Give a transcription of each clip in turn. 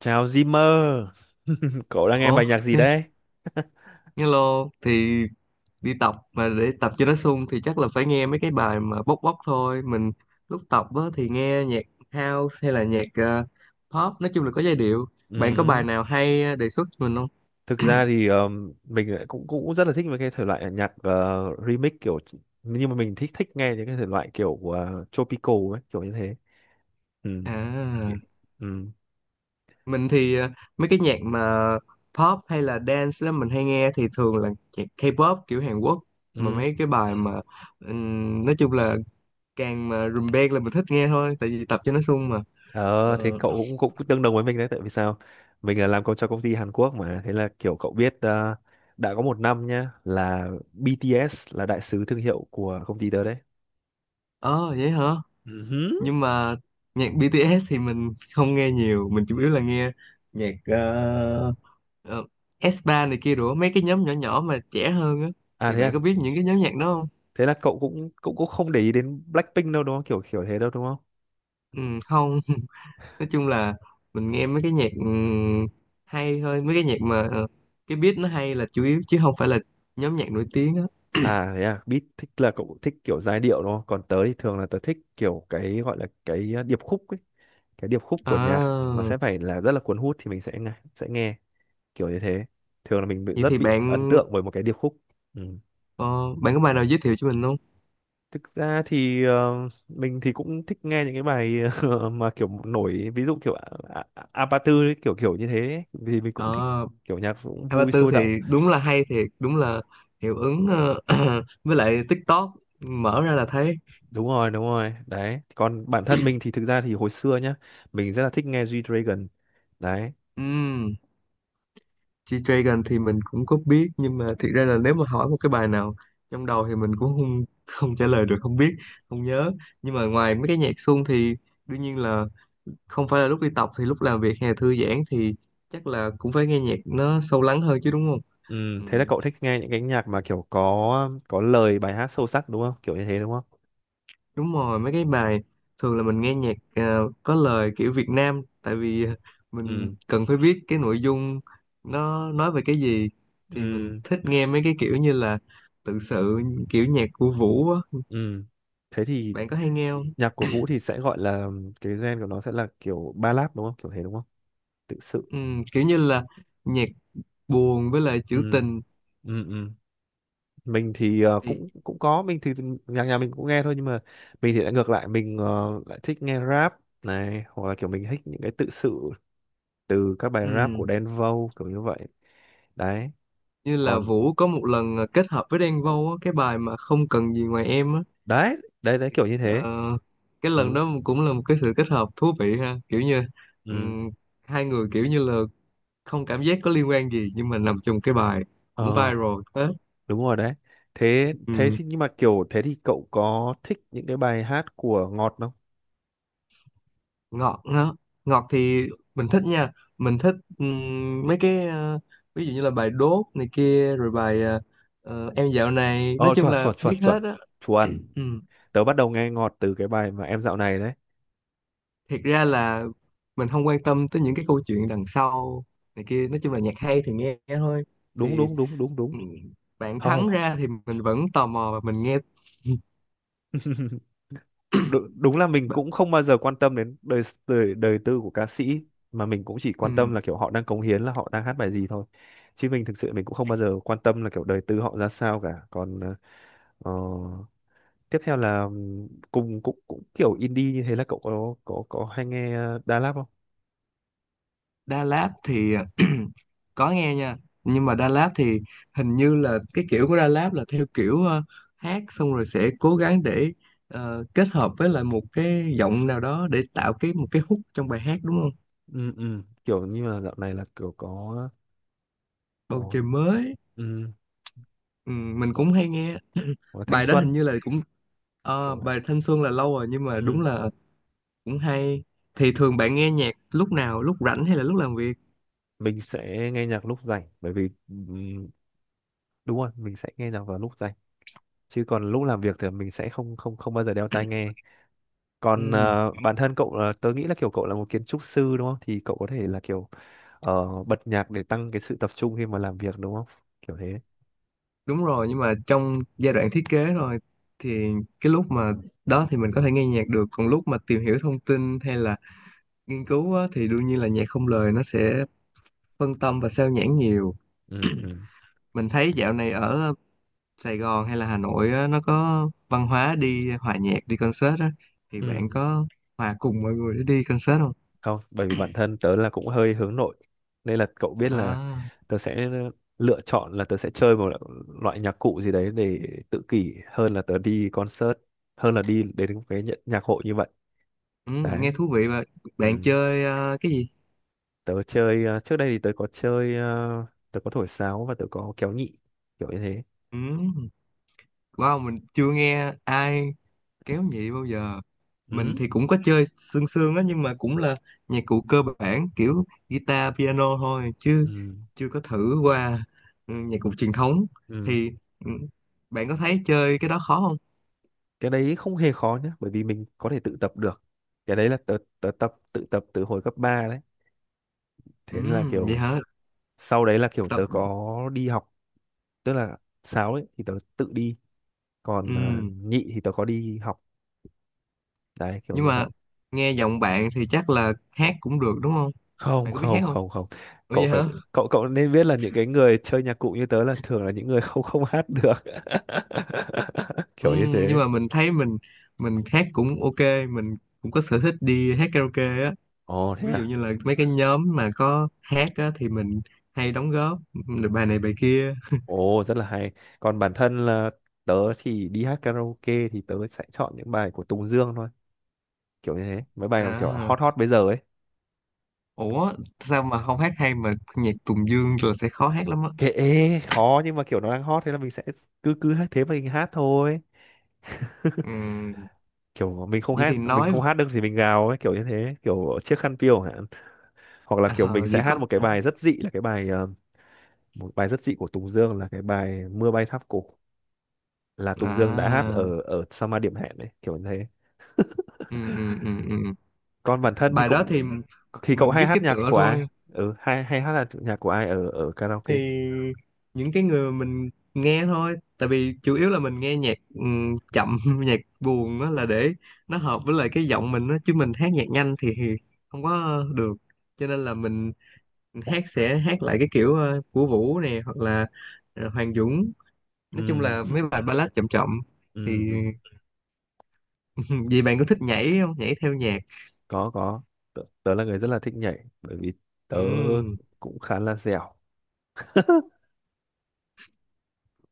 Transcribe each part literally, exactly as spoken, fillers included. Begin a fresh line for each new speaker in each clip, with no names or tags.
Chào Zimmer, cậu đang nghe
Ủa,
bài nhạc gì
thế-
đấy?
hello thì đi tập mà để tập cho nó sung thì chắc là phải nghe mấy cái bài mà bốc bốc thôi. Mình lúc tập á, thì nghe nhạc house hay là nhạc ờ, pop, nói chung là có giai điệu. Bạn có bài
Ừm,
nào hay ờ, đề xuất cho mình không?
Thực ra thì ờm, mình lại cũng cũng rất là thích mấy cái thể loại nhạc ờ, remix kiểu, nhưng mà mình thích thích nghe những cái thể loại kiểu uh, tropical ấy, kiểu như thế. Ừm,
À,
ki- ừm,
mình thì ờ, mấy cái nhạc mà pop hay là dance á, mình hay nghe thì thường là nhạc K-pop kiểu Hàn Quốc mà
ừm.
mấy cái bài mà ừm, nói chung là càng mà rùm beng là mình thích nghe thôi tại vì tập cho nó sung mà.
Ờ, thế
Ờ,
cậu cũng cũng tương đồng với mình đấy, tại vì sao? Mình là làm công cho công ty Hàn Quốc mà, thế là kiểu cậu biết ờ, đã có một năm nhá là bê tê ét là đại sứ thương hiệu của công ty tớ đấy.
ờ, vậy hả?
Ừm.
Nhưng mà nhạc bê tê ét thì mình không nghe nhiều, mình chủ yếu là nghe nhạc ờ, ờ, ét ba này kia rồi mấy cái nhóm nhỏ nhỏ mà trẻ hơn á.
À
Thì
thế à?
bạn có biết những cái nhóm nhạc đó không?
Thế là cậu cũng cũng cũng không để ý đến Blackpink đâu, đúng không, kiểu kiểu thế đâu, đúng không?
Ừ, không. Nói chung là mình nghe mấy cái nhạc ừm, hay thôi, mấy cái nhạc mà ờ, cái beat nó hay là chủ yếu chứ không phải là nhóm nhạc nổi tiếng á.
À thế à, beat thích là cậu thích kiểu giai điệu đúng không, còn tớ thì thường là tớ thích kiểu cái gọi là cái uh, điệp khúc ấy. Cái điệp khúc của nhạc nó
À,
sẽ phải là rất là cuốn hút thì mình sẽ nghe sẽ nghe kiểu như thế. Thường là mình bị
vậy
rất
thì
bị ấn
bạn
tượng bởi một cái điệp khúc. Ừ.
ờ, bạn có bài nào giới thiệu cho mình không?
Thực ra thì ờ, mình thì cũng thích nghe những cái bài mà kiểu nổi, ví dụ kiểu A- A- Apatu ấy, kiểu kiểu như thế ấy. Vì mình
À.
cũng thích kiểu nhạc cũng
Hai ba
vui
tư
sôi động.
thì đúng là hay thiệt, đúng là hiệu ứng ờ, với lại TikTok mở ra là thấy.
Đúng rồi, đúng rồi đấy, còn bản thân mình thì thực ra thì hồi xưa nhá, mình rất là thích nghe G-Dragon đấy.
um, G-Dragon thì mình cũng có biết nhưng mà thiệt ra là nếu mà hỏi một cái bài nào trong đầu thì mình cũng không không trả lời được, không biết, không nhớ. Nhưng mà ngoài mấy cái nhạc xuông thì đương nhiên là không phải là lúc đi tập, thì lúc làm việc hay là thư giãn thì chắc là cũng phải nghe nhạc nó sâu lắng hơn chứ, đúng không?
Ừ,
Ừ,
thế là cậu thích nghe những cái nhạc mà kiểu có có lời bài hát sâu sắc đúng không, kiểu như thế đúng không?
đúng rồi, mấy cái bài thường là mình nghe nhạc ờ, có lời kiểu Việt Nam, tại vì ờ, mình
Ừ
cần phải biết cái nội dung nó nói về cái gì. Thì mình
ừ
thích nghe mấy cái kiểu như là tự sự, kiểu nhạc của Vũ á.
ừ, thế thì
Bạn có hay nghe không?
nhạc của Vũ thì sẽ gọi là, cái gen của nó sẽ là kiểu ballad đúng không, kiểu thế đúng không, tự sự.
Ừ, kiểu như là nhạc buồn với lại trữ
Ừ
tình.
ừ ừ, mình thì ờ,
Thì
cũng cũng có, mình thì nhạc nhà mình cũng nghe thôi nhưng mà mình thì lại ngược lại, mình ờ, lại thích nghe rap này, hoặc là kiểu mình thích những cái tự sự từ các bài rap
ừ,
của Đen Vâu kiểu như vậy đấy.
như là
Còn
Vũ có một lần ờ, kết hợp với Đen Vâu á, cái bài mà không cần gì ngoài em á.
đấy đấy đấy, kiểu như
Ờ,
thế.
cái lần
Ừ
đó cũng là một cái sự kết hợp thú vị ha, kiểu như ừ,
ừ,
hai người kiểu như là không cảm giác có liên quan gì nhưng mà nằm trong cái bài cũng
ờ
viral hết.
đúng rồi đấy, thế thế
Ừ.
thì, nhưng mà kiểu thế thì cậu có thích những cái bài hát của Ngọt không?
ngọt ngọt ngọt thì mình thích nha, mình thích ừm, mấy cái ờ, ví dụ như là bài Đốt này kia rồi bài ờ, ờ, em dạo này, nói
Ờ,
chung
chuẩn
là
chuẩn chuẩn
biết
chuẩn
hết á.
chuẩn,
Ừ.
tớ bắt đầu nghe Ngọt từ cái bài mà em dạo này đấy.
Thiệt ra là mình không quan tâm tới những cái câu chuyện đằng sau này kia, nói chung là nhạc hay thì nghe thôi.
Đúng
Thì
đúng đúng đúng đúng,
ừm, bạn thắng
hầu.
ra thì mình vẫn tò mò và mình nghe.
Đúng, đúng là mình cũng không bao giờ quan tâm đến đời đời đời tư của ca sĩ, mà mình cũng chỉ quan
Ừ.
tâm là kiểu họ đang cống hiến, là họ đang hát bài gì thôi. Chứ mình thực sự mình cũng không bao giờ quan tâm là kiểu đời tư họ ra sao cả. Còn ờ, ờ, tiếp theo là ừm, cùng cũng cũng kiểu indie, như thế là cậu có có có hay nghe ờ, Đà Lạt không?
Đà Lạt thì có nghe nha, nhưng mà Đà Lạt thì hình như là cái kiểu của Đà Lạt là theo kiểu ờ, hát xong rồi sẽ cố gắng để ờ, kết hợp với lại một cái giọng nào đó để tạo cái một cái hook trong bài hát, đúng không?
Ừ, ừ, kiểu như là dạo này là kiểu có
Bầu
có
trời mới.
ừ,
Ừ, mình
có,
cũng hay nghe.
có thanh
Bài đó hình
xuân
như là cũng ờ,
kiểu vậy.
bài Thanh Xuân là lâu rồi nhưng mà đúng
Ừ.
là cũng hay. Thì thường bạn nghe nhạc lúc nào, lúc rảnh hay là lúc làm việc?
Mình sẽ nghe nhạc lúc rảnh, bởi vì ừm, đúng rồi, mình sẽ nghe nhạc vào lúc rảnh, chứ còn lúc làm việc thì mình sẽ không không không bao giờ đeo tai nghe.
Ừ,
Còn ờ, bản thân cậu là, tớ nghĩ là kiểu cậu là một kiến trúc sư đúng không, thì cậu có thể là kiểu ờ, bật nhạc để tăng cái sự tập trung khi mà làm việc đúng không, kiểu thế.
đúng rồi, nhưng mà trong giai đoạn thiết kế thôi thì cái lúc mà đó thì mình có thể nghe nhạc được, còn lúc mà tìm hiểu thông tin hay là nghiên cứu á, thì đương nhiên là nhạc không lời nó sẽ phân tâm và sao nhãng nhiều.
Ừ ừ
Mình thấy dạo này ở Sài Gòn hay là Hà Nội á, nó có văn hóa đi hòa nhạc, đi concert á, thì
ừ,
bạn có hòa cùng mọi người để đi concert không?
không, bởi vì bản thân tớ là cũng hơi hướng nội nên là cậu biết là
À,
tớ sẽ lựa chọn là tớ sẽ chơi một loại nhạc cụ gì đấy để tự kỷ, hơn là tớ đi concert, hơn là đi đến cái nhạc hội như vậy
ừ, nghe
đấy.
thú vị. Và
Ừ,
bạn chơi ờ, cái gì?
tớ chơi ờ, trước đây thì tớ có chơi ờ, tớ có thổi sáo và tớ có kéo nhị, kiểu như thế.
Ừ, wow, mình chưa nghe ai kéo nhị bao giờ. Mình
Ừ
thì cũng có chơi sương sương á nhưng mà cũng là nhạc cụ cơ bản, kiểu guitar, piano thôi chứ
ừ
chưa có thử qua ừ, nhạc cụ truyền thống.
ừ,
Thì ừ, bạn có thấy chơi cái đó khó không?
cái đấy không hề khó nhá, bởi vì mình có thể tự tập được. Cái đấy là tớ tớ tập tự tập từ hồi cấp ba đấy,
Ừ,
thế nên là kiểu
vậy hả.
s- sau đấy là kiểu
Tập,
tớ có đi học, tức là sáo ấy thì tớ tự đi, còn ờ,
ừ.
nhị thì tớ có đi học đấy, kiểu
Nhưng
như vậy.
mà nghe giọng bạn thì chắc là hát cũng được đúng không?
Không
Bạn có biết hát
không
không?
không không,
Ủa,
cậu
vậy
phải
hả?
cậu cậu nên biết là những cái người chơi nhạc cụ như tớ là thường là những người không không hát được
Ừ,
kiểu như
nhưng
thế.
mà mình thấy mình mình hát cũng ok, mình cũng có sở thích đi hát karaoke á,
Ồ thế
ví dụ
à,
như là mấy cái nhóm mà có hát á, thì mình hay đóng góp được bài này bài kia.
ồ rất là hay, còn bản thân là tớ thì đi hát karaoke thì tớ sẽ chọn những bài của Tùng Dương thôi, kiểu như thế, mấy bài kiểu
À,
hot hot bây giờ ấy.
ủa, sao mà không hát hay mà nhạc Tùng Dương rồi sẽ khó hát lắm á?
Kệ, khó nhưng mà kiểu nó đang hot thế là mình sẽ cứ cứ hát thế mà mình hát thôi.
Ừ,
Kiểu mình không
vậy
hát,
thì
mình
nói.
không hát được thì mình gào ấy, kiểu như thế, kiểu chiếc khăn piêu hả. Hoặc là kiểu
À,
mình sẽ
vậy có.
hát một cái bài rất dị, là cái bài ờ, một bài rất dị của Tùng Dương là cái bài Mưa bay tháp cổ, là Tùng Dương đã hát
À,
ở ở Summer Điểm Hẹn đấy, kiểu như thế.
ừ, ừ, ừ, ừ.
Còn bản thân thì
Bài đó thì
cũng, thì cậu
mình
hay
biết
hát
cái
nhạc
tựa
của ai?
thôi.
Ừ, hay hay hát là nhạc của ai ở ở karaoke?
Thì những cái người mình nghe thôi, tại vì chủ yếu là mình nghe nhạc ừm, chậm nhạc buồn đó, là để nó hợp với lại cái giọng mình đó, chứ mình hát nhạc nhanh thì không có được, cho nên là mình hát sẽ hát lại cái kiểu ờ, của Vũ nè hoặc là ờ, Hoàng Dũng,
Ừ
nói chung là mấy bài ballad chậm chậm. Thì
ừ ừ.
vì bạn có thích nhảy không, nhảy theo nhạc?
có có tớ, tớ là người rất là thích nhảy bởi vì tớ
Ừm.
cũng khá là dẻo.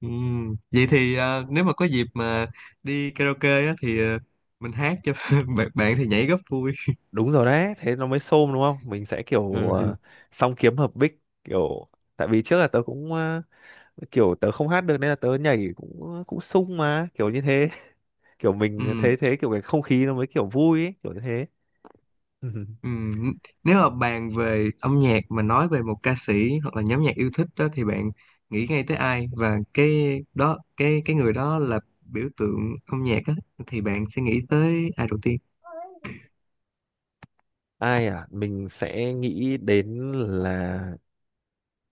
Ừm, vậy thì ờ, nếu mà có dịp mà đi karaoke á, thì ờ, mình hát cho bạn, bạn thì nhảy rất vui.
Đúng rồi đấy, thế nó mới xôm đúng không, mình sẽ kiểu
Ừ.
ờ, song kiếm hợp bích kiểu, tại vì trước là tớ cũng kiểu tớ không hát được nên là tớ nhảy cũng cũng sung mà, kiểu như thế. Kiểu mình
Ừm,
thế thế, kiểu cái không khí nó mới kiểu vui ấy, kiểu như thế.
ừm. Nếu mà bàn về âm nhạc mà nói về một ca sĩ hoặc là nhóm nhạc yêu thích đó thì bạn nghĩ ngay tới ai, và cái đó cái cái người đó là biểu tượng âm nhạc á thì bạn sẽ nghĩ tới ai đầu tiên?
Ai à, mình sẽ nghĩ đến là,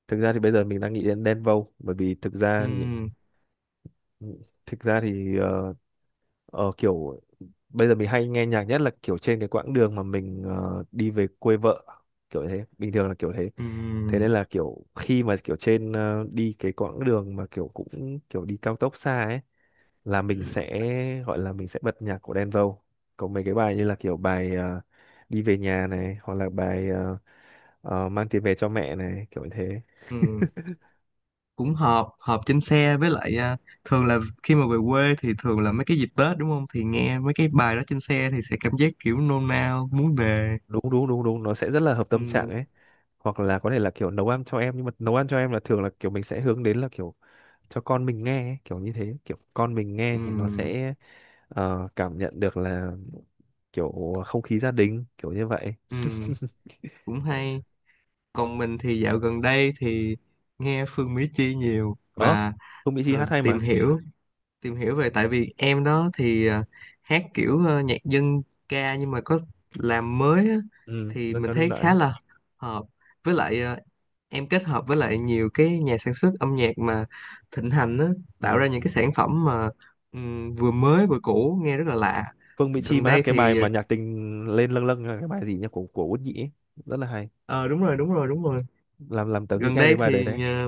thực ra thì bây giờ mình đang nghĩ đến Đen Vâu, bởi vì thực ra những-
Ừm,
thực ra thì ờ, ờ, kiểu bây giờ mình hay nghe nhạc nhất là kiểu trên cái quãng đường mà mình ờ, đi về quê vợ, kiểu thế, bình thường là kiểu thế. Thế
ừm,
nên là kiểu khi mà kiểu trên ờ, đi cái quãng đường mà kiểu cũng kiểu đi cao tốc xa ấy, là mình sẽ, gọi là mình sẽ bật nhạc của Đen Vâu. Có mấy cái bài như là kiểu bài ờ, đi về nhà này, hoặc là bài ờ, ờ, mang tiền về cho mẹ này, kiểu như thế.
ừm. Cũng họp họp trên xe với lại à, thường là khi mà về quê thì thường là mấy cái dịp Tết, đúng không, thì nghe mấy cái bài đó trên xe thì sẽ cảm giác kiểu nôn nao muốn về.
Đúng đúng đúng đúng, nó sẽ rất là hợp tâm trạng
Ừ,
ấy. Hoặc là có thể là kiểu nấu ăn cho em, nhưng mà nấu ăn cho em là thường là kiểu mình sẽ hướng đến là kiểu cho con mình nghe ấy, kiểu như thế, kiểu con mình nghe thì nó
ừ,
sẽ ờ, cảm nhận được là kiểu không khí gia đình, kiểu như vậy.
ừ, cũng hay. Còn mình thì dạo gần đây thì nghe Phương Mỹ Chi nhiều
Ờ,
và
không Mỹ Chi
ờ,
hát hay
tìm
mà.
hiểu tìm hiểu về, tại vì em đó thì ờ, hát kiểu ờ, nhạc dân ca nhưng mà có làm mới á,
Ừ,
thì
dân
mình
ca đương
thấy
đại
khá
đấy.
là hợp với lại ờ, em kết hợp với lại nhiều cái nhà sản xuất âm nhạc mà thịnh hành á, tạo
Ừ,
ra những cái sản phẩm mà ừm, vừa mới vừa cũ nghe rất là lạ.
Phương Mỹ Chi
Gần
mà hát
đây
cái bài
thì
mà nhạc tình lên lâng lâng là cái bài gì nhỉ, của của Út Nhĩ ấy. Rất là hay,
ờ Đúng rồi, đúng rồi, đúng rồi.
làm làm tớ nghĩ
Gần
ngay
đây
đến bài đấy đấy.
thì ờ,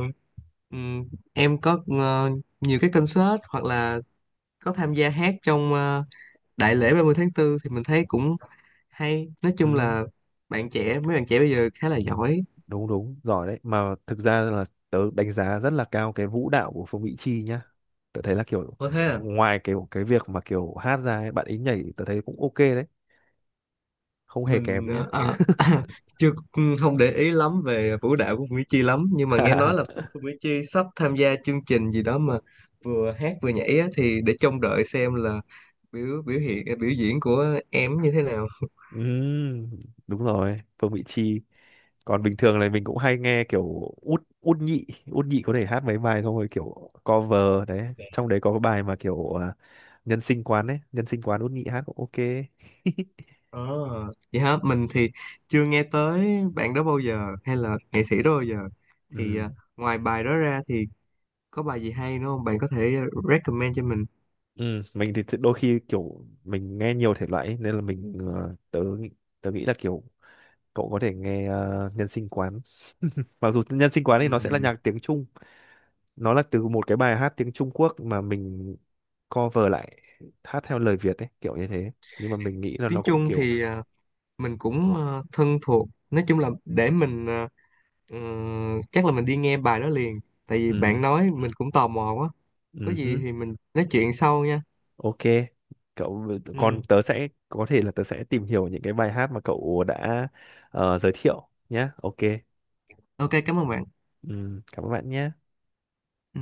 ừm, em có ờ, nhiều cái concert hoặc là có tham gia hát trong ờ, đại lễ ba mươi tháng tư thì mình thấy cũng hay, nói chung
Ừ,
là bạn trẻ, mấy bạn trẻ bây giờ khá là giỏi.
đúng đúng giỏi đấy, mà thực ra là tớ đánh giá rất là cao cái vũ đạo của Phương Mỹ Chi nhá. Tớ thấy là kiểu
Có thế à?
ngoài cái cái việc mà kiểu hát ra ấy, bạn ấy nhảy tớ thấy cũng ok đấy, không hề
Mình
kém nhá.
ờ, à, chưa ừ, không để ý lắm về vũ đạo của Mỹ Chi lắm, nhưng mà nghe nói là Mỹ Chi sắp tham gia chương trình gì đó mà vừa hát vừa nhảy á, thì để trông đợi xem là biểu biểu hiện à, biểu diễn của em như thế nào.
Ừ, đúng rồi Phương Mỹ Chi. Còn bình thường này mình cũng hay nghe kiểu út út nhị, út nhị có thể hát mấy bài xong rồi kiểu cover đấy, trong đấy có cái bài mà kiểu à, nhân sinh quán ấy, nhân sinh quán út nhị hát cũng ok.
Ờ, vậy hả? Mình thì chưa nghe tới bạn đó bao giờ, hay là nghệ sĩ đó bao giờ. Thì
Ừ.
à, ngoài bài đó ra thì có bài gì hay nữa không? Bạn có thể recommend cho mình.
Ừ mình thì đôi khi kiểu mình nghe nhiều thể loại ấy, nên là mình ờ, tớ nghĩ- tớ nghĩ là kiểu cậu có thể nghe ờ, nhân sinh quán, mặc dù nhân sinh quán thì nó sẽ là
Ừm,
nhạc tiếng Trung. Nó là từ một cái bài hát tiếng Trung Quốc mà mình cover lại, hát theo lời Việt ấy, kiểu như thế, nhưng mà mình nghĩ là
tiếng
nó cũng
Trung
kiểu
thì à, mình cũng ờ, thân thuộc, nói chung là để mình ờ, ừ, chắc là mình đi nghe bài đó liền tại vì
ừ.
bạn nói mình cũng tò mò quá. Có
Ừ
gì
hứ,
thì mình nói chuyện sau nha.
ok, cậu, còn
Ừ.
tớ sẽ có thể là tớ sẽ tìm hiểu những cái bài hát mà cậu đã ờ, giới thiệu nhé. Ok,
Ok, cảm ơn bạn.
ừ, cảm ơn bạn nhé.
Ừ.